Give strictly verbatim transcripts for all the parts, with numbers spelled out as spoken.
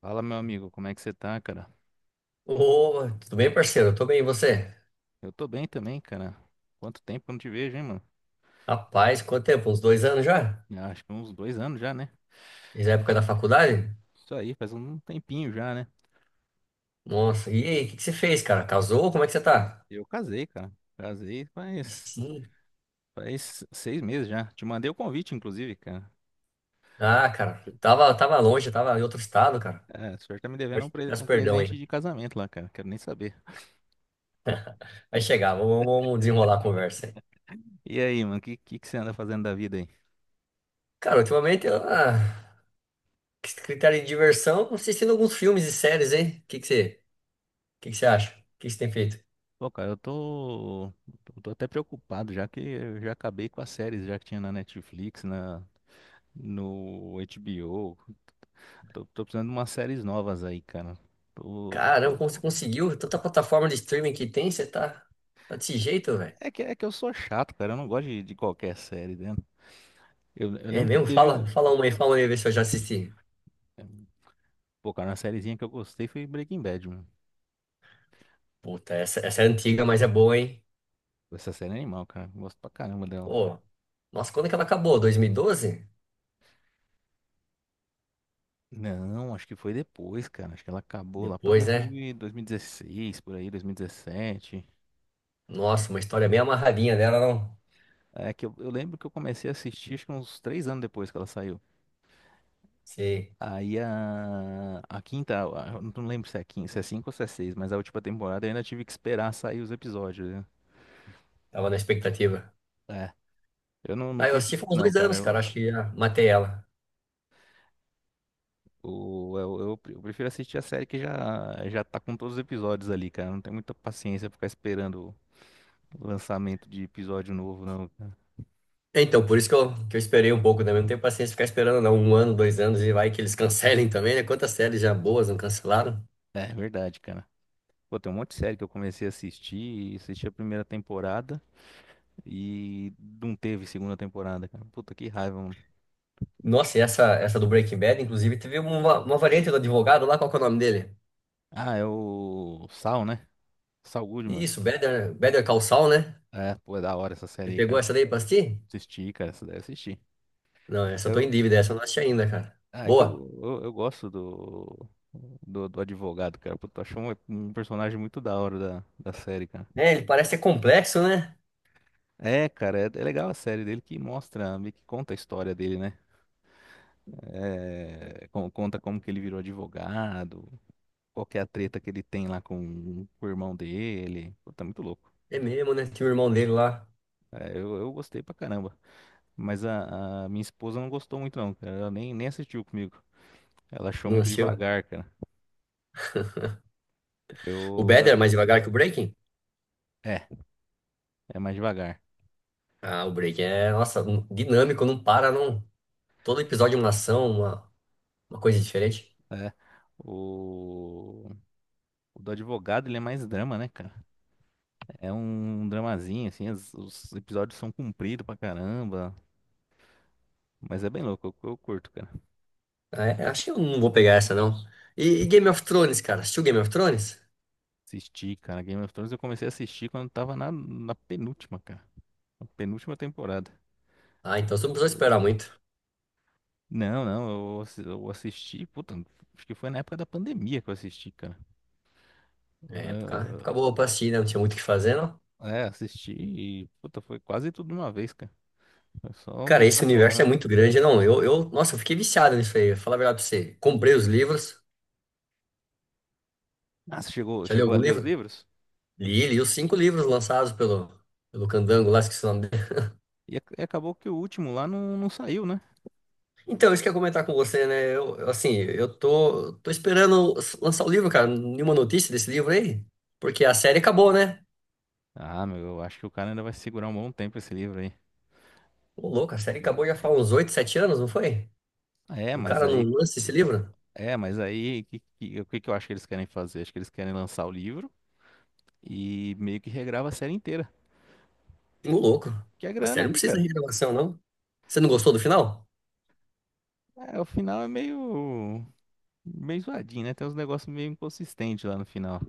Fala, meu amigo, como é que você tá, cara? Ô, tudo bem, parceiro? Eu tô bem, e você? Eu tô bem também, cara. Quanto tempo que eu não te vejo, hein, mano? Rapaz, quanto tempo? Uns dois anos já? Já, acho que uns dois anos já, né? Desde a época da faculdade? Isso aí, faz um tempinho já, né? Nossa, e aí, o que que você fez, cara? Casou? Como é que você tá? Eu casei, cara. Casei E faz, Sim. faz seis meses já. Te mandei o convite, inclusive, cara. Ah, cara, tava, tava longe, tava em outro estado, cara. É, o senhor tá me devendo Mas um, pre- Peço um perdão aí. presente de casamento lá, cara. Quero nem saber. Vai chegar, vamos, vamos desenrolar a conversa aí. E aí, mano, o que, que, que você anda fazendo da vida aí? Cara, ultimamente, eu, ah, critério de diversão, assistindo alguns filmes e séries, hein? O que que você, o que que você acha? O que que você tem feito? Pô, cara, eu tô, eu tô até preocupado, já que eu já acabei com as séries já que tinha na Netflix, na, no H B O. Tô, tô precisando de umas séries novas aí, cara. Tô- Caramba, tô- como você conseguiu? Tanta plataforma de streaming que tem, você tá, tá desse jeito, velho. É que, é que eu sou chato, cara. Eu não gosto de, de qualquer série, né? Eu, eu É lembro que mesmo? teve Fala, um. fala uma aí, fala uma aí, vê se eu já assisti. Pô, cara, uma sériezinha que eu gostei foi Breaking Bad, mano. Puta, essa, essa é antiga, mas é boa, hein? Essa série é animal, cara. Eu gosto pra caramba dela. Pô, nossa, quando que ela acabou? dois mil e doze? Não, acho que foi depois, cara. Acho que ela acabou lá pra Depois, dois mil, né? e dois mil e dezesseis, por aí, dois mil e dezessete. Nossa, uma história bem amarradinha dela, não? É que eu, eu lembro que eu comecei a assistir, acho que uns três anos depois que ela saiu. Sei, Aí a, a quinta, a- eu não lembro se é quinta, se é cinco ou se é seis, mas a última temporada eu ainda tive que esperar sair os episódios, né? tava na expectativa. É, eu não, não Ah, eu curto assisti muito faz uns não, dois cara. anos, cara, Eu, acho que já matei ela. o- eu, eu, pre- eu prefiro assistir a série que já, já tá com todos os episódios ali, cara. Eu não tenho muita paciência pra ficar esperando o lançamento de episódio novo, não. cara. Então, por isso que eu, que eu esperei um pouco também. Não tenho paciência de ficar esperando, não. Um ano, dois anos e vai que eles cancelem também, né? Quantas séries já boas não cancelaram? É verdade, cara. Pô, tem um monte de série que eu comecei a assistir, e assisti a primeira temporada e não teve segunda temporada, cara. Puta que raiva, mano. Nossa, e essa, essa do Breaking Bad, inclusive, teve uma, uma variante do advogado lá, qual que é o nome dele? Ah, é o Sal, né? Saul Goodman. Isso, Better, Better Call Saul, né? É, pô, é da hora essa Você série aí, pegou cara. essa daí pra assistir? Assisti, cara, essa daí eu assisti. Não, essa eu tô em Eu, dívida, essa eu não assisti ainda, cara. ah, é que Boa. eu, eu, eu gosto do, do, do advogado, cara. Puta, eu acho um, um personagem muito da hora da, da série, cara. É, ele parece ser complexo, né? É, cara, é, é legal a série dele que mostra, meio que conta a história dele, né? É, con- conta como que ele virou advogado, qual que é a treta que ele tem lá com, com o irmão dele. Puta, é muito louco. É mesmo, né? Tinha o irmão dele lá. É, eu, eu gostei pra caramba. Mas a, a minha esposa não gostou muito, não, cara. Ela nem, nem assistiu comigo. Ela achou Não muito assistiu. devagar, cara. O Eu, Better é eu- mais devagar que o Breaking? é, é mais devagar. Ah, o Breaking é, nossa, um- dinâmico, não para, não. Todo episódio é uma ação, uma, uma coisa diferente. É. O, o do advogado, ele é mais drama, né, cara? É um dramazinho, assim, as- os episódios são compridos pra caramba. Mas é bem louco, eu, eu curto, cara. Ah, é, acho que eu não vou pegar essa, não. E, e Game of Thrones, cara? Assistiu Game of Thrones? Assisti, cara. Game of Thrones eu comecei a assistir quando tava na, na penúltima, cara. Na penúltima temporada. Ah, então você não precisou Eu- esperar muito. Não, não, eu, assi- eu assisti, puta, acho que foi na época da pandemia que eu assisti, cara. É época, época boa pra assistir, né? Não tinha muito o que fazer. Ah, é, assisti, e, puta, foi quase tudo de uma vez, cara. Foi só Cara, esse universo é maratonando. muito grande, não. Eu, eu, nossa, eu fiquei viciado nisso aí. Falar a verdade pra você. Comprei os livros. Ah, você chegou, Já li chegou a algum ler os livro? livros? Li, li os cinco livros lançados pelo, pelo Candango, lá esqueci o nome dele. E, ac- e acabou que o último lá não, não saiu, né? Então, isso que eu ia comentar com você, né? Eu, eu, assim, eu tô, tô esperando lançar o livro, cara. Nenhuma notícia desse livro aí. Porque a série acabou, né? Ah, meu, eu acho que o cara ainda vai segurar um bom tempo esse livro aí. Ô, louco, a série acabou já E- faz uns oito, sete anos, não foi? É, E o mas cara não aí. lança esse livro? É, mas aí, que- que- o que, que eu acho que eles querem fazer? Acho que eles querem lançar o livro e meio que regrava a série inteira. Ô, louco. Que é A série grana, não né, precisa cara? de renovação, não. Você não gostou do final? É, o final é meio. meio zoadinho, né? Tem uns negócios meio inconsistentes lá no final.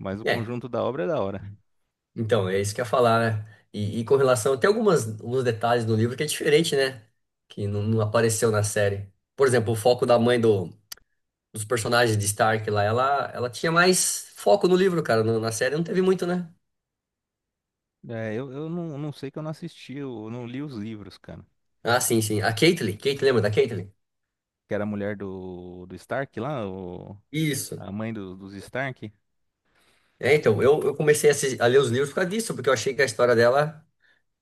Mas o É. conjunto da obra é da hora. Então, é isso que eu ia falar, né? E, e com relação, tem algumas, alguns detalhes no livro que é diferente, né? Que não, não apareceu na série. Por exemplo, o foco da mãe do, dos personagens de Stark lá, ela, ela tinha mais foco no livro, cara. No- na série não teve muito, né? É, eu, eu não, não sei que eu não assisti, eu não li os livros, cara. Ah, sim, sim. A Caitlyn, Caitlyn, lembra da Caitlyn? Que era a mulher do, do Stark lá, o- Isso. a mãe do- dos Stark. É, então, eu, eu comecei a, assis- a ler os livros por causa disso, porque eu achei que a história dela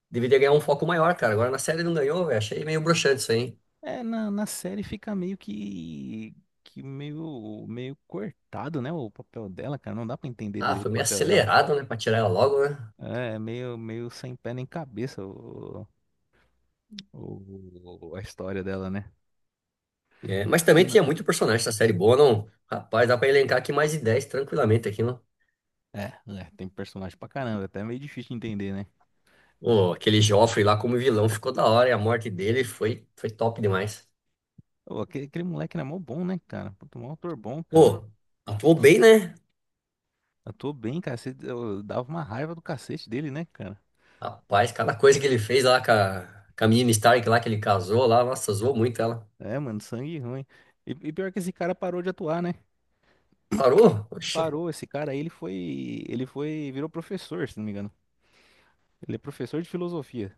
deveria ganhar um foco maior, cara. Agora na série não ganhou, velho. Achei meio broxante isso aí, hein? É, na, na série fica meio que, que meio, meio cortado, né, o papel dela, cara. Não dá pra entender Ah, direito foi o meio papel dela. acelerado, né? Pra tirar ela logo, né? É, é meio, meio sem pé nem cabeça o, o- a história dela, né? É, mas E também não- tinha muito personagem essa série boa, não? Rapaz, dá pra elencar aqui mais de dez tranquilamente aqui, não? É, é, Tem personagem pra caramba, até é meio difícil de entender, né? Ô, aquele Joffrey lá como vilão ficou da hora e a morte dele foi, foi top demais. Ô, aquele, aquele moleque era mó bom, né, cara? Puta, mó ator bom, cara. Pô, atuou bem, né? Atuou bem, cara. Você, eu dava uma raiva do cacete dele, né, cara? Rapaz, cada coisa que ele fez lá com a, com a menina Stark lá que ele casou lá, nossa, zoou muito ela. É, mano, sangue ruim. E, e pior que esse cara parou de atuar, né? Parou? Oxi, Parou, esse cara aí, ele foi, ele foi, virou professor, se não me engano. Ele é professor de filosofia.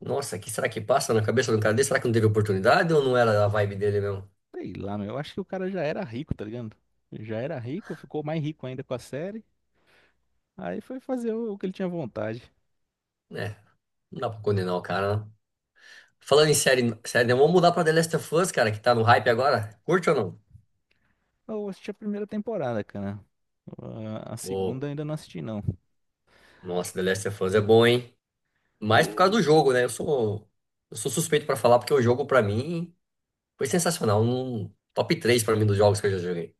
nossa, o que será que passa na cabeça do cara dele? Será que não teve oportunidade ou não era a vibe dele mesmo? Sei lá, meu, eu acho que o cara já era rico, tá ligado? Já era rico, ficou mais rico ainda com a série. Aí foi fazer o, o que ele tinha vontade. É, não dá pra condenar o cara, não. Falando em série, série, né, vamos mudar pra The Last of Us, cara, que tá no hype agora. Curte ou não? Eu assisti a primeira temporada, cara. A, a Ô, segunda ainda não assisti, não. nossa, The Last of Us é bom, hein? Mais por O, causa do jogo, né? Eu sou, eu sou suspeito pra falar, porque o jogo, pra mim, foi sensacional. Um top três pra mim dos jogos que eu já joguei.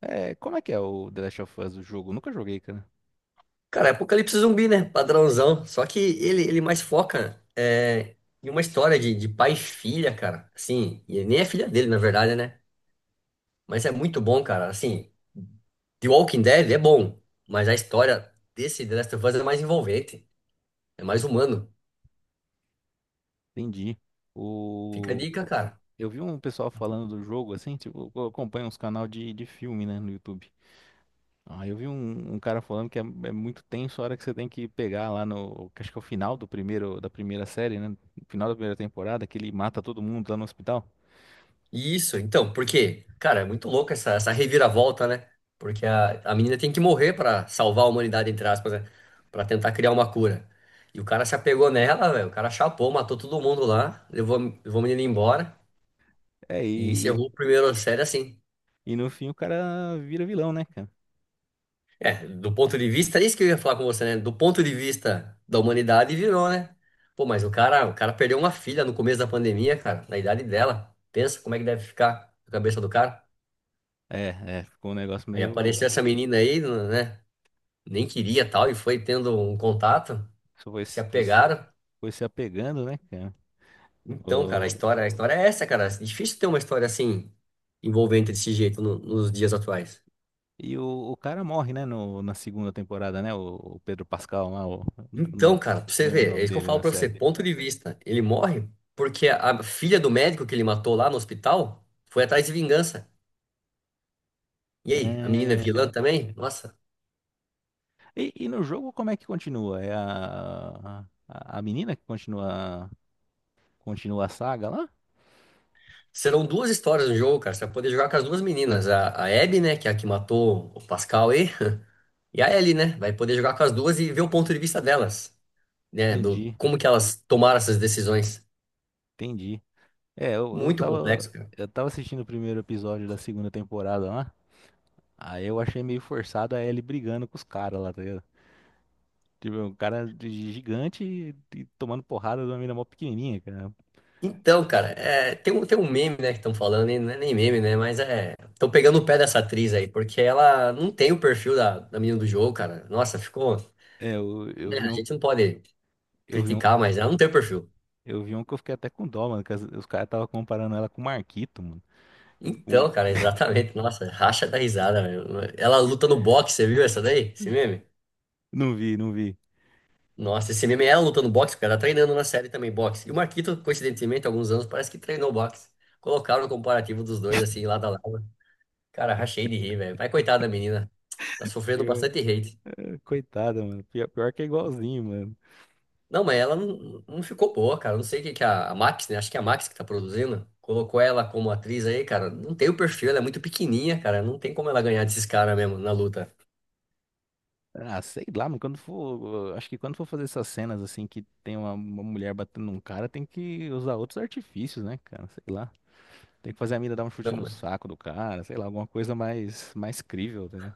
é, Como é que é o The Last of Us, o jogo? Nunca joguei, cara. Cara, é Apocalipse Zumbi, né? Padrãozão. Só que ele, ele mais foca é, em uma história de, de pai e filha, cara. Assim, e nem é filha dele, na verdade, né? Mas é muito bom, cara. Assim, The Walking Dead é bom, mas a história desse The Last of Us é mais envolvente, é mais humano. Entendi. Fica a O... dica, cara. Eu vi um pessoal falando do jogo, assim, tipo, eu acompanho uns canal de, de filme, né, no YouTube. Ah, eu vi um, um cara falando que é, é muito tenso a hora que você tem que pegar lá no, que acho que é o final do primeiro, da primeira série, né, no final da primeira temporada, que ele mata todo mundo lá no hospital. Isso, então, porque, cara, é muito louco essa, essa reviravolta, né? Porque a, a menina tem que morrer pra salvar a humanidade, entre aspas, né? Pra tentar criar uma cura. E o cara se apegou nela, velho. O cara chapou, matou todo mundo lá, levou, a- levou a menina embora É, e e, encerrou e, o primeiro série assim. e no fim o cara vira vilão, né, cara? É, do ponto de vista, é isso que eu ia falar com você, né? Do ponto de vista da humanidade, virou, né? Pô, mas o cara, o cara perdeu uma filha no começo da pandemia, cara, na idade dela. Pensa como é que deve ficar a cabeça do cara. É, é, ficou um negócio Aí apareceu essa meio... menina aí, né? Nem queria tal e foi tendo um contato, Isso foi, se se- foi, se- apegaram. foi se apegando, né, cara? Então, cara, a história, a história é essa, cara. É difícil ter uma história assim envolvente desse jeito no- nos dias atuais. E o, o cara morre, né, no, na segunda temporada, né? O, o Pedro Pascal lá, o- eu não Então, cara, pra você lembro o ver, é nome isso que eu dele falo na pra você, série. ponto de vista. Ele morre porque a filha do médico que ele matou lá no hospital foi atrás de vingança. E aí, a menina é vilã É, também? Nossa. E, e no jogo como é que continua? É a, a, a menina que continua, continua a saga lá? Serão duas histórias no jogo, cara. Você vai poder jogar com as duas meninas. A, a Abby, né, que é a que matou o Pascal aí. E a Ellie, né? Vai poder jogar com as duas e ver o ponto de vista delas, né, do Entendi, como que elas tomaram essas decisões. entendi. É, eu, eu Muito tava, complexo, cara. eu tava assistindo o primeiro episódio da segunda temporada lá. Aí eu achei meio forçado a Ellie brigando com os caras lá, tá ligado? Tipo, é um cara de gigante e, e tomando porrada de uma menina mó pequenininha, cara. Então, cara, é, tem um, tem um meme, né, que estão falando, e não é nem meme, né, mas é, estão pegando o pé dessa atriz aí, porque ela não tem o perfil da, da menina do jogo, cara. Nossa, ficou, É, eu, eu né, vi a um. gente não pode Eu vi um criticar, mas ela não tem o perfil. Eu vi um que eu fiquei até com dó, mano, que as- os caras estavam comparando ela com o Marquito, mano. O- Então, cara, exatamente, nossa, racha da risada, velho. Ela luta no boxe, você viu essa daí? Esse meme? Não vi, não vi. Nossa, esse meme é lutando no boxe, o cara tá treinando na série também boxe. E o Marquito, coincidentemente, há alguns anos, parece que treinou boxe. Colocaram o comparativo dos dois, assim, lado a lado. Cara, rachei de rir, velho. Vai, coitada da menina. Tá sofrendo Pior- bastante hate. Coitada, mano. Pior, pior que é igualzinho, mano. Não, mas ela não, não ficou boa, cara. Não sei o que que a, a Max, né? Acho que é a Max que tá produzindo. Colocou ela como atriz aí, cara. Não tem o perfil, ela é muito pequenininha, cara. Não tem como ela ganhar desses caras mesmo na luta. Ah, sei lá, mano. Quando for. Acho que quando for fazer essas cenas assim que tem uma, uma mulher batendo num cara, tem que usar outros artifícios, né, cara? Sei lá. Tem que fazer a mina dar um Não, chute no saco do cara, sei lá, alguma coisa mais, mais crível, né?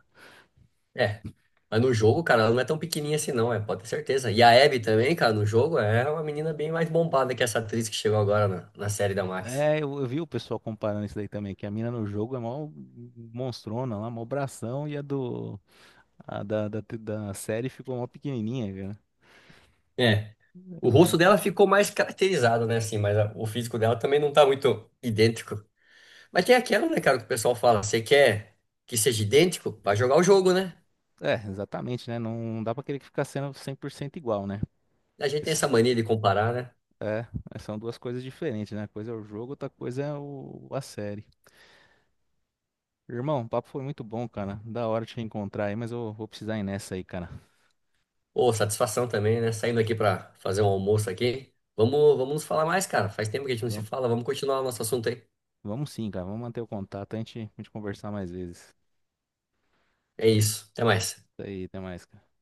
é. Mas no jogo, cara, ela não é tão pequenininha assim, não, é, pode ter certeza. E a Abby também, cara, no jogo é uma menina bem mais bombada que essa atriz que chegou agora na, na série da Max. É, eu, eu vi o pessoal comparando isso daí também, que a mina no jogo é mó monstrona lá, mó bração, e a do, A da, da, da série ficou mó pequenininha, cara. É. O rosto dela ficou mais caracterizado, né, assim, mas a- o físico dela também não tá muito idêntico. Mas tem aquela, né, cara, que o pessoal fala, você quer que seja idêntico? Vai jogar o jogo, né? É, é, exatamente, né? Não dá pra querer que ficar sendo cem por cento igual, né? A gente tem essa Mas, mania de comparar, né? é, mas são duas coisas diferentes, né? Uma coisa é o jogo, outra coisa é o, a série. Irmão, o papo foi muito bom, cara. Da hora te encontrar aí, mas eu vou precisar ir nessa aí, cara. Pô, satisfação também, né? Saindo aqui pra fazer um almoço aqui. Vamos, vamos nos falar mais, cara. Faz tempo que a gente não se Vamos, fala. Vamos continuar o nosso assunto aí. vamos sim, cara. Vamos manter o contato, a gente, a gente conversar mais vezes. É isso. Até mais. Isso aí, até mais, cara.